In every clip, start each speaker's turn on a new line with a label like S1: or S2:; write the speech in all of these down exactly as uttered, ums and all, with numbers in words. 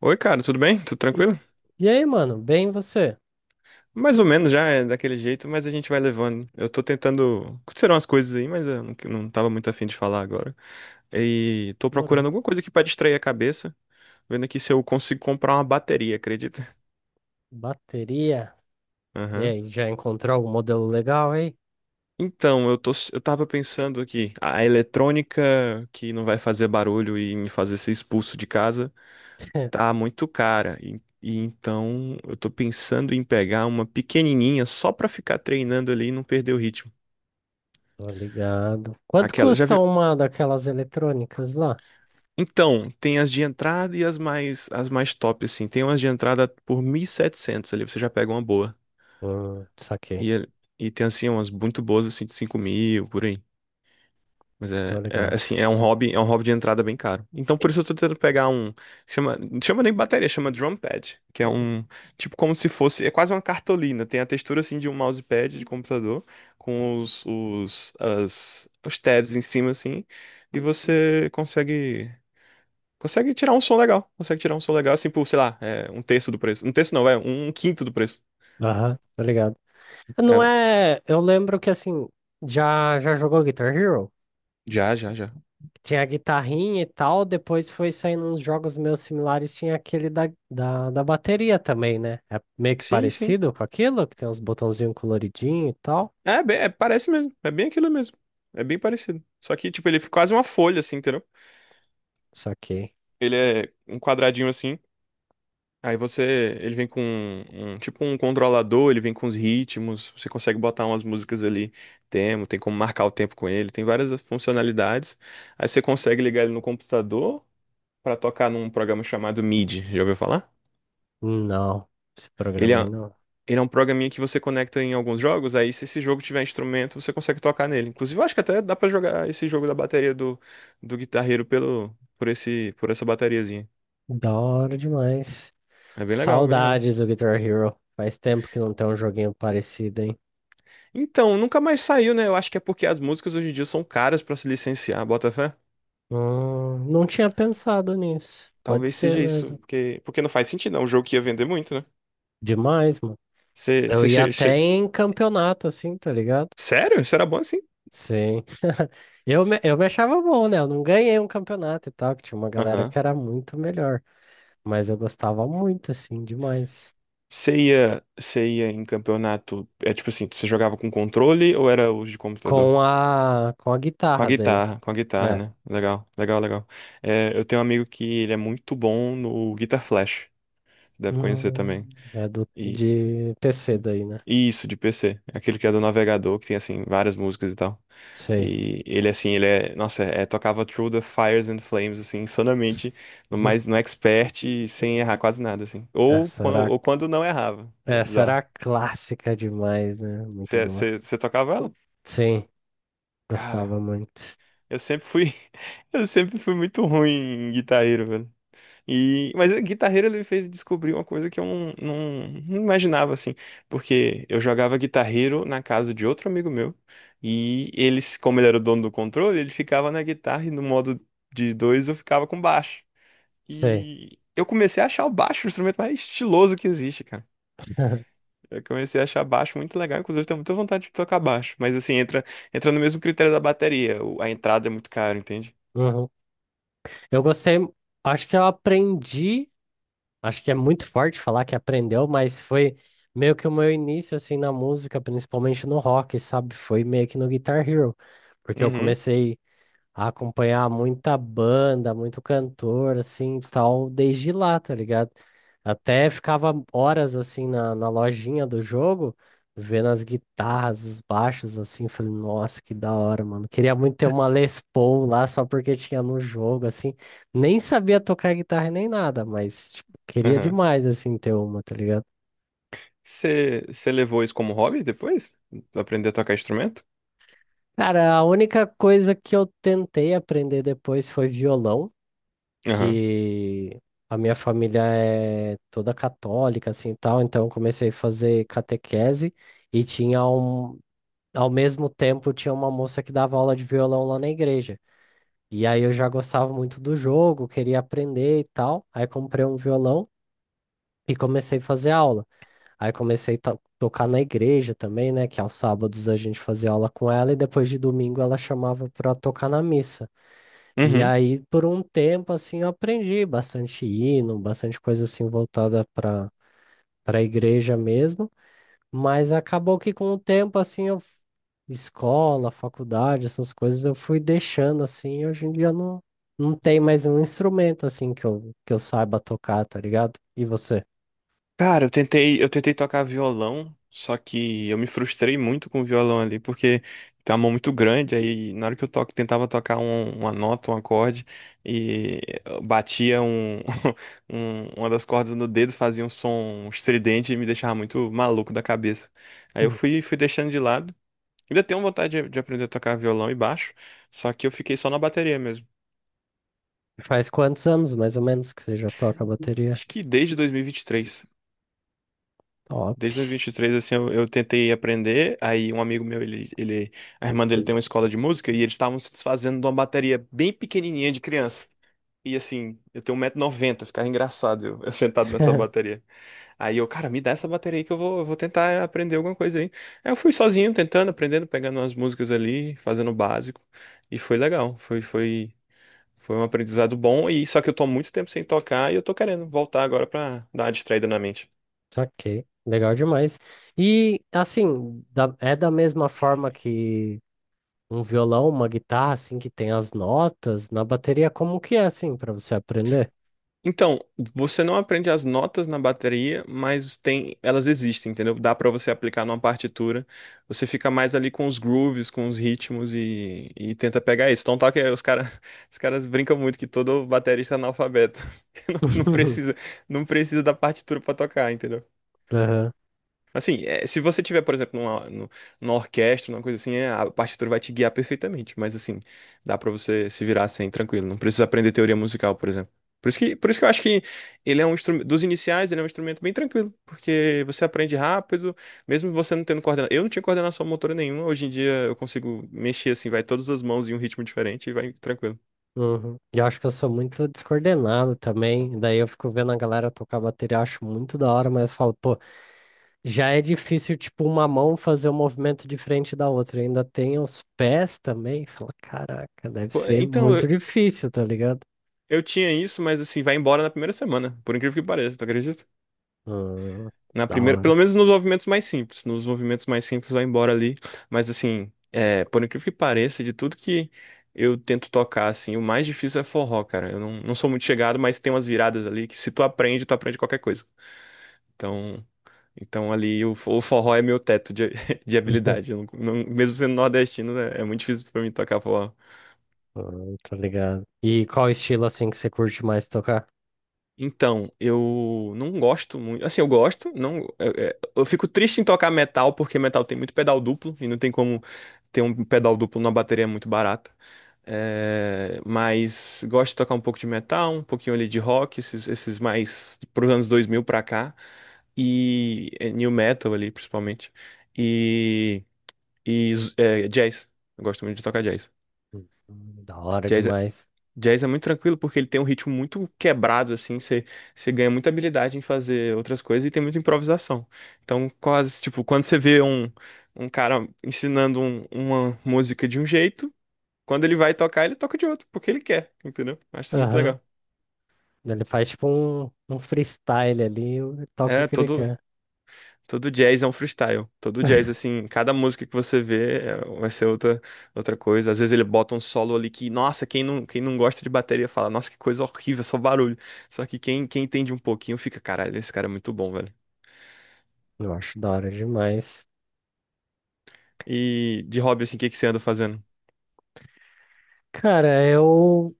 S1: Oi, cara, tudo bem? Tudo
S2: E,
S1: tranquilo?
S2: e aí, mano? Bem você?
S1: Mais ou menos já é daquele jeito, mas a gente vai levando. Eu tô tentando. Aconteceram umas coisas aí, mas eu não, não tava muito afim de falar agora. E tô procurando
S2: Demorou.
S1: alguma coisa aqui pra distrair a cabeça, vendo aqui se eu consigo comprar uma bateria, acredita?
S2: Bateria. E
S1: Aham.
S2: aí, já encontrou algum modelo legal aí?
S1: Então, eu tô, eu tava pensando aqui, a eletrônica que não vai fazer barulho e me fazer ser expulso de casa tá muito cara. E, e então eu tô pensando em pegar uma pequenininha só pra ficar treinando ali e não perder o ritmo.
S2: Tô ligado. Quanto
S1: Aquela, já
S2: custa
S1: vi.
S2: uma daquelas eletrônicas lá?
S1: Então, tem as de entrada e as mais as mais top assim. Tem umas de entrada por mil e setecentos ali, você já pega uma boa.
S2: Hum, saquei.
S1: E é- e tem assim umas muito boas assim de cinco mil por aí. Mas é,
S2: Tô
S1: é,
S2: ligado.
S1: assim, é um hobby, é um hobby de entrada bem caro. Então por isso eu tô tentando pegar um, chama, não chama nem bateria, chama drum pad, que é um tipo como se fosse, é quase uma cartolina, tem a textura assim de um mousepad de computador com os os as, os tabs em cima assim, e você consegue consegue tirar um som legal. Consegue tirar um som legal, assim, por, sei lá, é, um terço do preço. Um terço não, é um quinto do preço.
S2: Aham, tô ligado. Não
S1: É,
S2: é. Eu lembro que assim, já, já jogou Guitar Hero?
S1: já, já, já.
S2: Tinha a guitarrinha e tal, depois foi saindo uns jogos meio similares, tinha aquele da, da, da bateria também, né? É meio que
S1: Sim, sim.
S2: parecido com aquilo, que tem uns botãozinhos coloridinhos e tal.
S1: É, bem, é, parece mesmo. É bem aquilo mesmo. É bem parecido. Só que, tipo, ele é quase uma folha, assim, entendeu?
S2: Saquei.
S1: Ele é um quadradinho assim. Aí você. Ele vem com um, um- tipo um controlador, ele vem com os ritmos. Você consegue botar umas músicas ali. Tem, tem como marcar o tempo com ele. Tem várias funcionalidades. Aí você consegue ligar ele no computador pra tocar num programa chamado MIDI. Já ouviu falar?
S2: Não, esse
S1: Ele é,
S2: programa aí não.
S1: Ele é um programinha que você conecta em alguns jogos, aí se esse jogo tiver instrumento, você consegue tocar nele. Inclusive, eu acho que até dá pra jogar esse jogo da bateria do, do guitarreiro pelo, por esse, por essa bateriazinha.
S2: Da hora demais.
S1: É bem legal, bem legal.
S2: Saudades do Guitar Hero. Faz tempo que não tem um joguinho parecido, hein?
S1: Então, nunca mais saiu, né? Eu acho que é porque as músicas hoje em dia são caras pra se licenciar, bota fé?
S2: Hum, não tinha pensado nisso. Pode
S1: Talvez
S2: ser
S1: seja isso,
S2: mesmo.
S1: porque, porque não faz sentido, é um jogo que ia vender muito, né?
S2: Demais, mano.
S1: Você,
S2: Eu
S1: você
S2: ia
S1: che-
S2: até
S1: che-
S2: em campeonato, assim, tá ligado?
S1: Sério? Isso era bom assim?
S2: Sim. Eu me, eu me achava bom, né? Eu não ganhei um campeonato e tal, que tinha uma galera
S1: Aham.
S2: que era muito melhor. Mas eu gostava muito, assim, demais.
S1: Você ia, você ia em campeonato, é tipo assim, você jogava com controle ou era os de computador?
S2: Com a, com a
S1: Com a
S2: guitarra daí.
S1: guitarra, com a guitarra,
S2: É.
S1: né? Legal, legal, legal. É, eu tenho um amigo que ele é muito bom no Guitar Flash. Deve conhecer também.
S2: Hum, é do,
S1: E
S2: de P C daí, né?
S1: e isso, de P C. Aquele que é do navegador, que tem, assim, várias músicas e tal.
S2: Sei.
S1: E ele, assim, ele é... Nossa, é, tocava Through the Fires and Flames, assim, insanamente. No,
S2: Uhum.
S1: mais, no expert, e sem errar quase nada, assim. Ou,
S2: Essa
S1: quan-
S2: era,
S1: ou quando não errava. Era
S2: essa
S1: bizarro.
S2: era clássica demais, né? Muito
S1: Você
S2: boa.
S1: você- você tocava ela?
S2: Sim,
S1: Cara,
S2: gostava muito.
S1: eu sempre fui... Eu sempre fui muito ruim em guitarreiro, velho. E, mas o guitarreiro ele fez descobrir uma coisa que eu não, não, não imaginava assim, porque eu jogava guitarreiro na casa de outro amigo meu e eles, como ele era o dono do controle, ele ficava na guitarra e no modo de dois eu ficava com baixo.
S2: Sei.
S1: E eu comecei a achar o baixo o instrumento mais estiloso que existe, cara. Eu comecei a achar baixo muito legal, inclusive eu tenho muita vontade de tocar baixo, mas assim, entra, entra no mesmo critério da bateria, o- a entrada é muito cara, entende?
S2: Uhum. Eu gostei. Acho que eu aprendi. Acho que é muito forte falar que aprendeu, mas foi meio que o meu início assim na música, principalmente no rock, sabe? Foi meio que no Guitar Hero, porque eu
S1: Uhum,
S2: comecei acompanhar muita banda, muito cantor, assim, tal, desde lá, tá ligado? Até ficava horas, assim, na, na lojinha do jogo, vendo as guitarras, os baixos, assim, falei, nossa, que da hora, mano. Queria muito ter uma Les Paul lá, só porque tinha no jogo, assim. Nem sabia tocar guitarra nem nada, mas, tipo, queria
S1: uhum.
S2: demais, assim, ter uma, tá ligado?
S1: Você você levou isso como hobby depois? Aprender a tocar instrumento?
S2: Cara, a única coisa que eu tentei aprender depois foi violão.
S1: Aham.
S2: Que a minha família é toda católica, assim, tal, então eu comecei a fazer catequese e tinha um, ao mesmo tempo tinha uma moça que dava aula de violão lá na igreja. E aí eu já gostava muito do jogo, queria aprender e tal. Aí comprei um violão e comecei a fazer aula. Aí comecei a to- tocar na igreja também, né, que aos sábados a gente fazia aula com ela e depois de domingo ela chamava para tocar na missa. E
S1: Uhum.
S2: aí, por um tempo, assim, eu aprendi bastante hino, bastante coisa assim voltada para para a igreja mesmo, mas acabou que com o tempo, assim, eu, escola, faculdade, essas coisas, eu fui deixando, assim, e hoje em dia não, não tem mais um instrumento, assim, que eu, que eu saiba tocar, tá ligado? E você?
S1: Cara, eu tentei, eu tentei tocar violão, só que eu me frustrei muito com o violão ali, porque tem uma mão muito grande, aí na hora que eu toco, tentava tocar um- uma nota, um acorde, e eu batia um, um- uma das cordas no dedo, fazia um som estridente e me deixava muito maluco da cabeça. Aí eu
S2: Hum.
S1: fui, fui deixando de lado. Ainda tenho vontade de de aprender a tocar violão e baixo, só que eu fiquei só na bateria mesmo.
S2: Faz quantos anos, mais ou menos, que você já toca bateria?
S1: Acho que desde dois mil e vinte e três.
S2: Top.
S1: Desde dois mil e vinte e três, assim, eu, eu tentei aprender. Aí um amigo meu, ele, ele, a irmã dele tem uma escola de música e eles estavam se desfazendo de uma bateria bem pequenininha de criança. E assim, eu tenho um 190 noventa, ficava engraçado eu, eu sentado nessa bateria. Aí eu, cara, me dá essa bateria aí que eu vou, eu vou tentar aprender alguma coisa aí. Aí eu fui sozinho, tentando, aprendendo, pegando umas músicas ali, fazendo o básico. E foi legal, foi, foi, foi um aprendizado bom. E só que eu tô há muito tempo sem tocar e eu tô querendo voltar agora pra dar uma distraída na mente.
S2: Ok, legal demais. E assim, da- é da mesma forma que um violão, uma guitarra, assim, que tem as notas, na bateria, como que é, assim, pra você aprender?
S1: Então, você não aprende as notas na bateria, mas tem, elas existem, entendeu? Dá pra você aplicar numa partitura. Você fica mais ali com os grooves, com os ritmos e, e tenta pegar isso. Então, tá que os cara, os caras brincam muito que todo baterista é analfabeto. Não, não precisa, não precisa da partitura pra tocar, entendeu?
S2: Aham,
S1: Assim, é, se você tiver, por exemplo, numa, nu- numa orquestra, numa coisa assim, é, a partitura vai te guiar perfeitamente. Mas assim, dá pra você se virar assim, tranquilo. Não precisa aprender teoria musical, por exemplo. Por isso que, por isso que eu acho que ele é um instrumento, dos iniciais, ele é um instrumento bem tranquilo, porque você aprende rápido, mesmo você não tendo coordenação. Eu não tinha coordenação motora nenhuma, hoje em dia eu consigo mexer assim, vai todas as mãos em um ritmo diferente e vai tranquilo.
S2: uhum. E eu acho que eu sou muito descoordenado também. Daí eu fico vendo a galera tocar bateria, acho muito da hora, mas eu falo, pô, já é difícil, tipo, uma mão fazer um movimento diferente da outra. Ainda tem os pés também. Fala, caraca, deve
S1: Pô,
S2: ser
S1: então,
S2: muito
S1: eu,
S2: difícil, tá ligado?
S1: eu tinha isso, mas assim, vai embora na primeira semana, por incrível que pareça, tu acredita?
S2: Hum,
S1: Na
S2: da
S1: primeira, pelo
S2: hora.
S1: menos nos movimentos mais simples. Nos movimentos mais simples vai embora ali. Mas assim, é, por incrível que pareça, de tudo que eu tento tocar, assim, o mais difícil é forró, cara. Eu não, não sou muito chegado, mas tem umas viradas ali que se tu aprende, tu aprende qualquer coisa. Então, então ali o, fo- o forró é meu teto de, de habilidade. Eu não- não- mesmo sendo nordestino, é, é muito difícil pra mim tocar forró.
S2: Hum, tô ligado. E qual estilo, assim, que você curte mais tocar?
S1: Então, eu não gosto muito. Assim, eu gosto, não, é- é- eu, fico triste em tocar metal porque metal tem muito pedal duplo e não tem como ter um pedal duplo numa bateria muito barata. É, mas gosto de tocar um pouco de metal, um pouquinho ali de rock, esses, esses mais pros anos dois mil pra cá e é, new metal ali, principalmente. E, e z- é, jazz. Eu gosto muito de tocar jazz.
S2: Hum, Da hora
S1: Jazz é
S2: demais.
S1: Jazz é muito tranquilo porque ele tem um ritmo muito quebrado, assim, você você ganha muita habilidade em fazer outras coisas e tem muita improvisação. Então, quase, tipo, quando você vê um, um cara ensinando um- uma música de um jeito, quando ele vai tocar, ele toca de outro, porque ele quer, entendeu? Acho isso muito
S2: Aham.
S1: legal.
S2: Ele faz tipo um, um freestyle ali e toca o
S1: É,
S2: que ele
S1: todo,
S2: quer.
S1: Todo jazz é um freestyle. Todo jazz, assim, cada música que você vê é- vai ser outra, outra coisa. Às vezes ele bota um solo ali que, nossa, quem não, quem não gosta de bateria fala, nossa, que coisa horrível, só barulho. Só que quem, quem entende um pouquinho fica, caralho, esse cara é muito bom, velho.
S2: Eu acho da hora demais.
S1: E de hobby, assim, o que que você anda fazendo?
S2: Cara, eu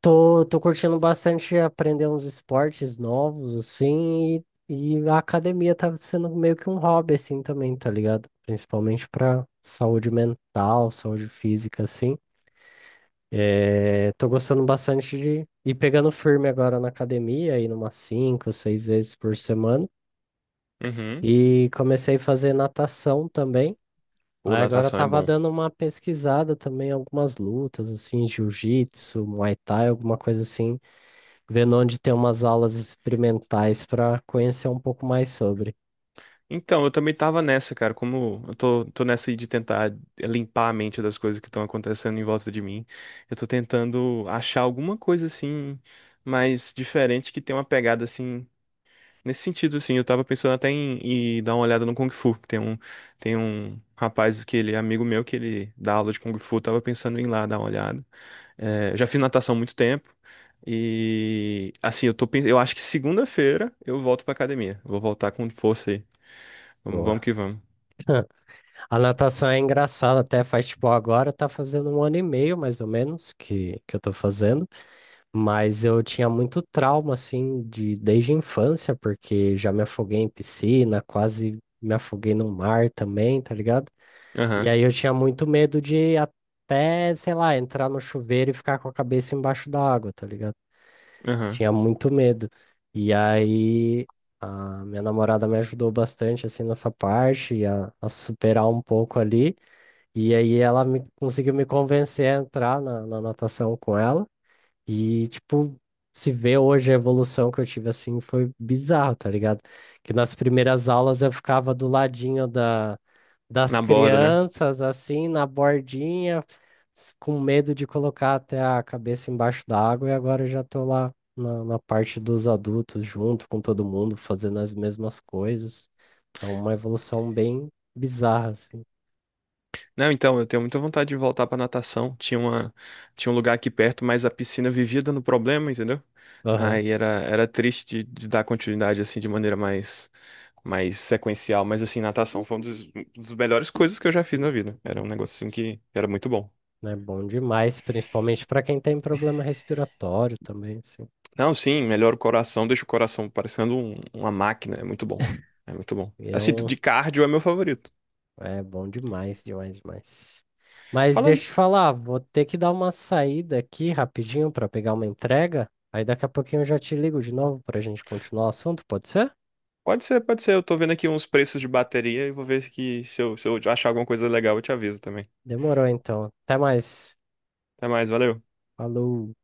S2: tô, tô curtindo bastante aprender uns esportes novos, assim, e, e a academia tá sendo meio que um hobby, assim, também, tá ligado? Principalmente pra saúde mental, saúde física, assim. É, tô gostando bastante de ir pegando firme agora na academia, indo umas cinco, seis vezes por semana.
S1: Uhum.
S2: E comecei a fazer natação também.
S1: Pô,
S2: Aí agora
S1: natação é
S2: tava
S1: bom.
S2: dando uma pesquisada também, algumas lutas, assim, jiu-jitsu, muay thai, alguma coisa assim, vendo onde tem umas aulas experimentais para conhecer um pouco mais sobre.
S1: Então, eu também tava nessa, cara. Como eu tô, tô nessa aí de tentar limpar a mente das coisas que estão acontecendo em volta de mim. Eu tô tentando achar alguma coisa assim, mais diferente que tenha uma pegada assim. Nesse sentido, assim, eu tava pensando até em, em dar uma olhada no Kung Fu. Tem um, tem um rapaz que ele é amigo meu que ele dá aula de Kung Fu, eu tava pensando em ir lá dar uma olhada. É, já fiz natação há muito tempo. E assim, eu tô, pen- eu acho que segunda-feira eu volto pra academia. Vou voltar com força aí. Vamos, vamos
S2: Boa.
S1: que vamos.
S2: A natação é engraçada, até faz tipo agora tá fazendo um ano e meio mais ou menos que, que eu tô fazendo, mas eu tinha muito trauma assim de desde a infância, porque já me afoguei em piscina, quase me afoguei no mar também, tá ligado? E
S1: Aham,
S2: aí eu tinha muito medo de até, sei lá, entrar no chuveiro e ficar com a cabeça embaixo da água, tá ligado?
S1: aham.
S2: Tinha muito medo. E aí a minha namorada me ajudou bastante assim nessa parte, a, a superar um pouco ali. E aí ela me, conseguiu me convencer a entrar na, na natação com ela. E tipo, se vê hoje a evolução que eu tive assim foi bizarro, tá ligado? Que nas primeiras aulas eu ficava do ladinho da das
S1: Na borda, né?
S2: crianças, assim, na bordinha, s- com medo de colocar até a cabeça embaixo d'água, e agora eu já tô lá na, na parte dos adultos, junto com todo mundo, fazendo as mesmas coisas. Então, uma evolução bem bizarra, assim.
S1: Não, então, eu tenho muita vontade de voltar pra natação. Tinha uma, tinha um lugar aqui perto, mas a piscina vivia dando problema, entendeu?
S2: Aham.
S1: Aí era, era triste de, de dar continuidade, assim, de maneira mais, mais sequencial. Mas, assim, natação foi uma das, das melhores coisas que eu já fiz na vida. Era um negócio, assim, que era muito bom.
S2: É bom demais, principalmente para quem tem problema respiratório também, assim.
S1: Não, sim, melhora o coração, deixa o coração parecendo um- uma máquina. É muito bom. É muito bom. Assim,
S2: Viram
S1: de cardio é meu favorito.
S2: é bom demais, demais, demais. Mas deixa
S1: Falando.
S2: eu te falar, vou ter que dar uma saída aqui rapidinho para pegar uma entrega. Aí daqui a pouquinho eu já te ligo de novo para a gente continuar o assunto, pode ser?
S1: Pode ser, pode ser. Eu tô vendo aqui uns preços de bateria e vou ver se que- se eu, se eu achar alguma coisa legal, eu te aviso também.
S2: Demorou então. Até mais.
S1: Até mais, valeu.
S2: Falou.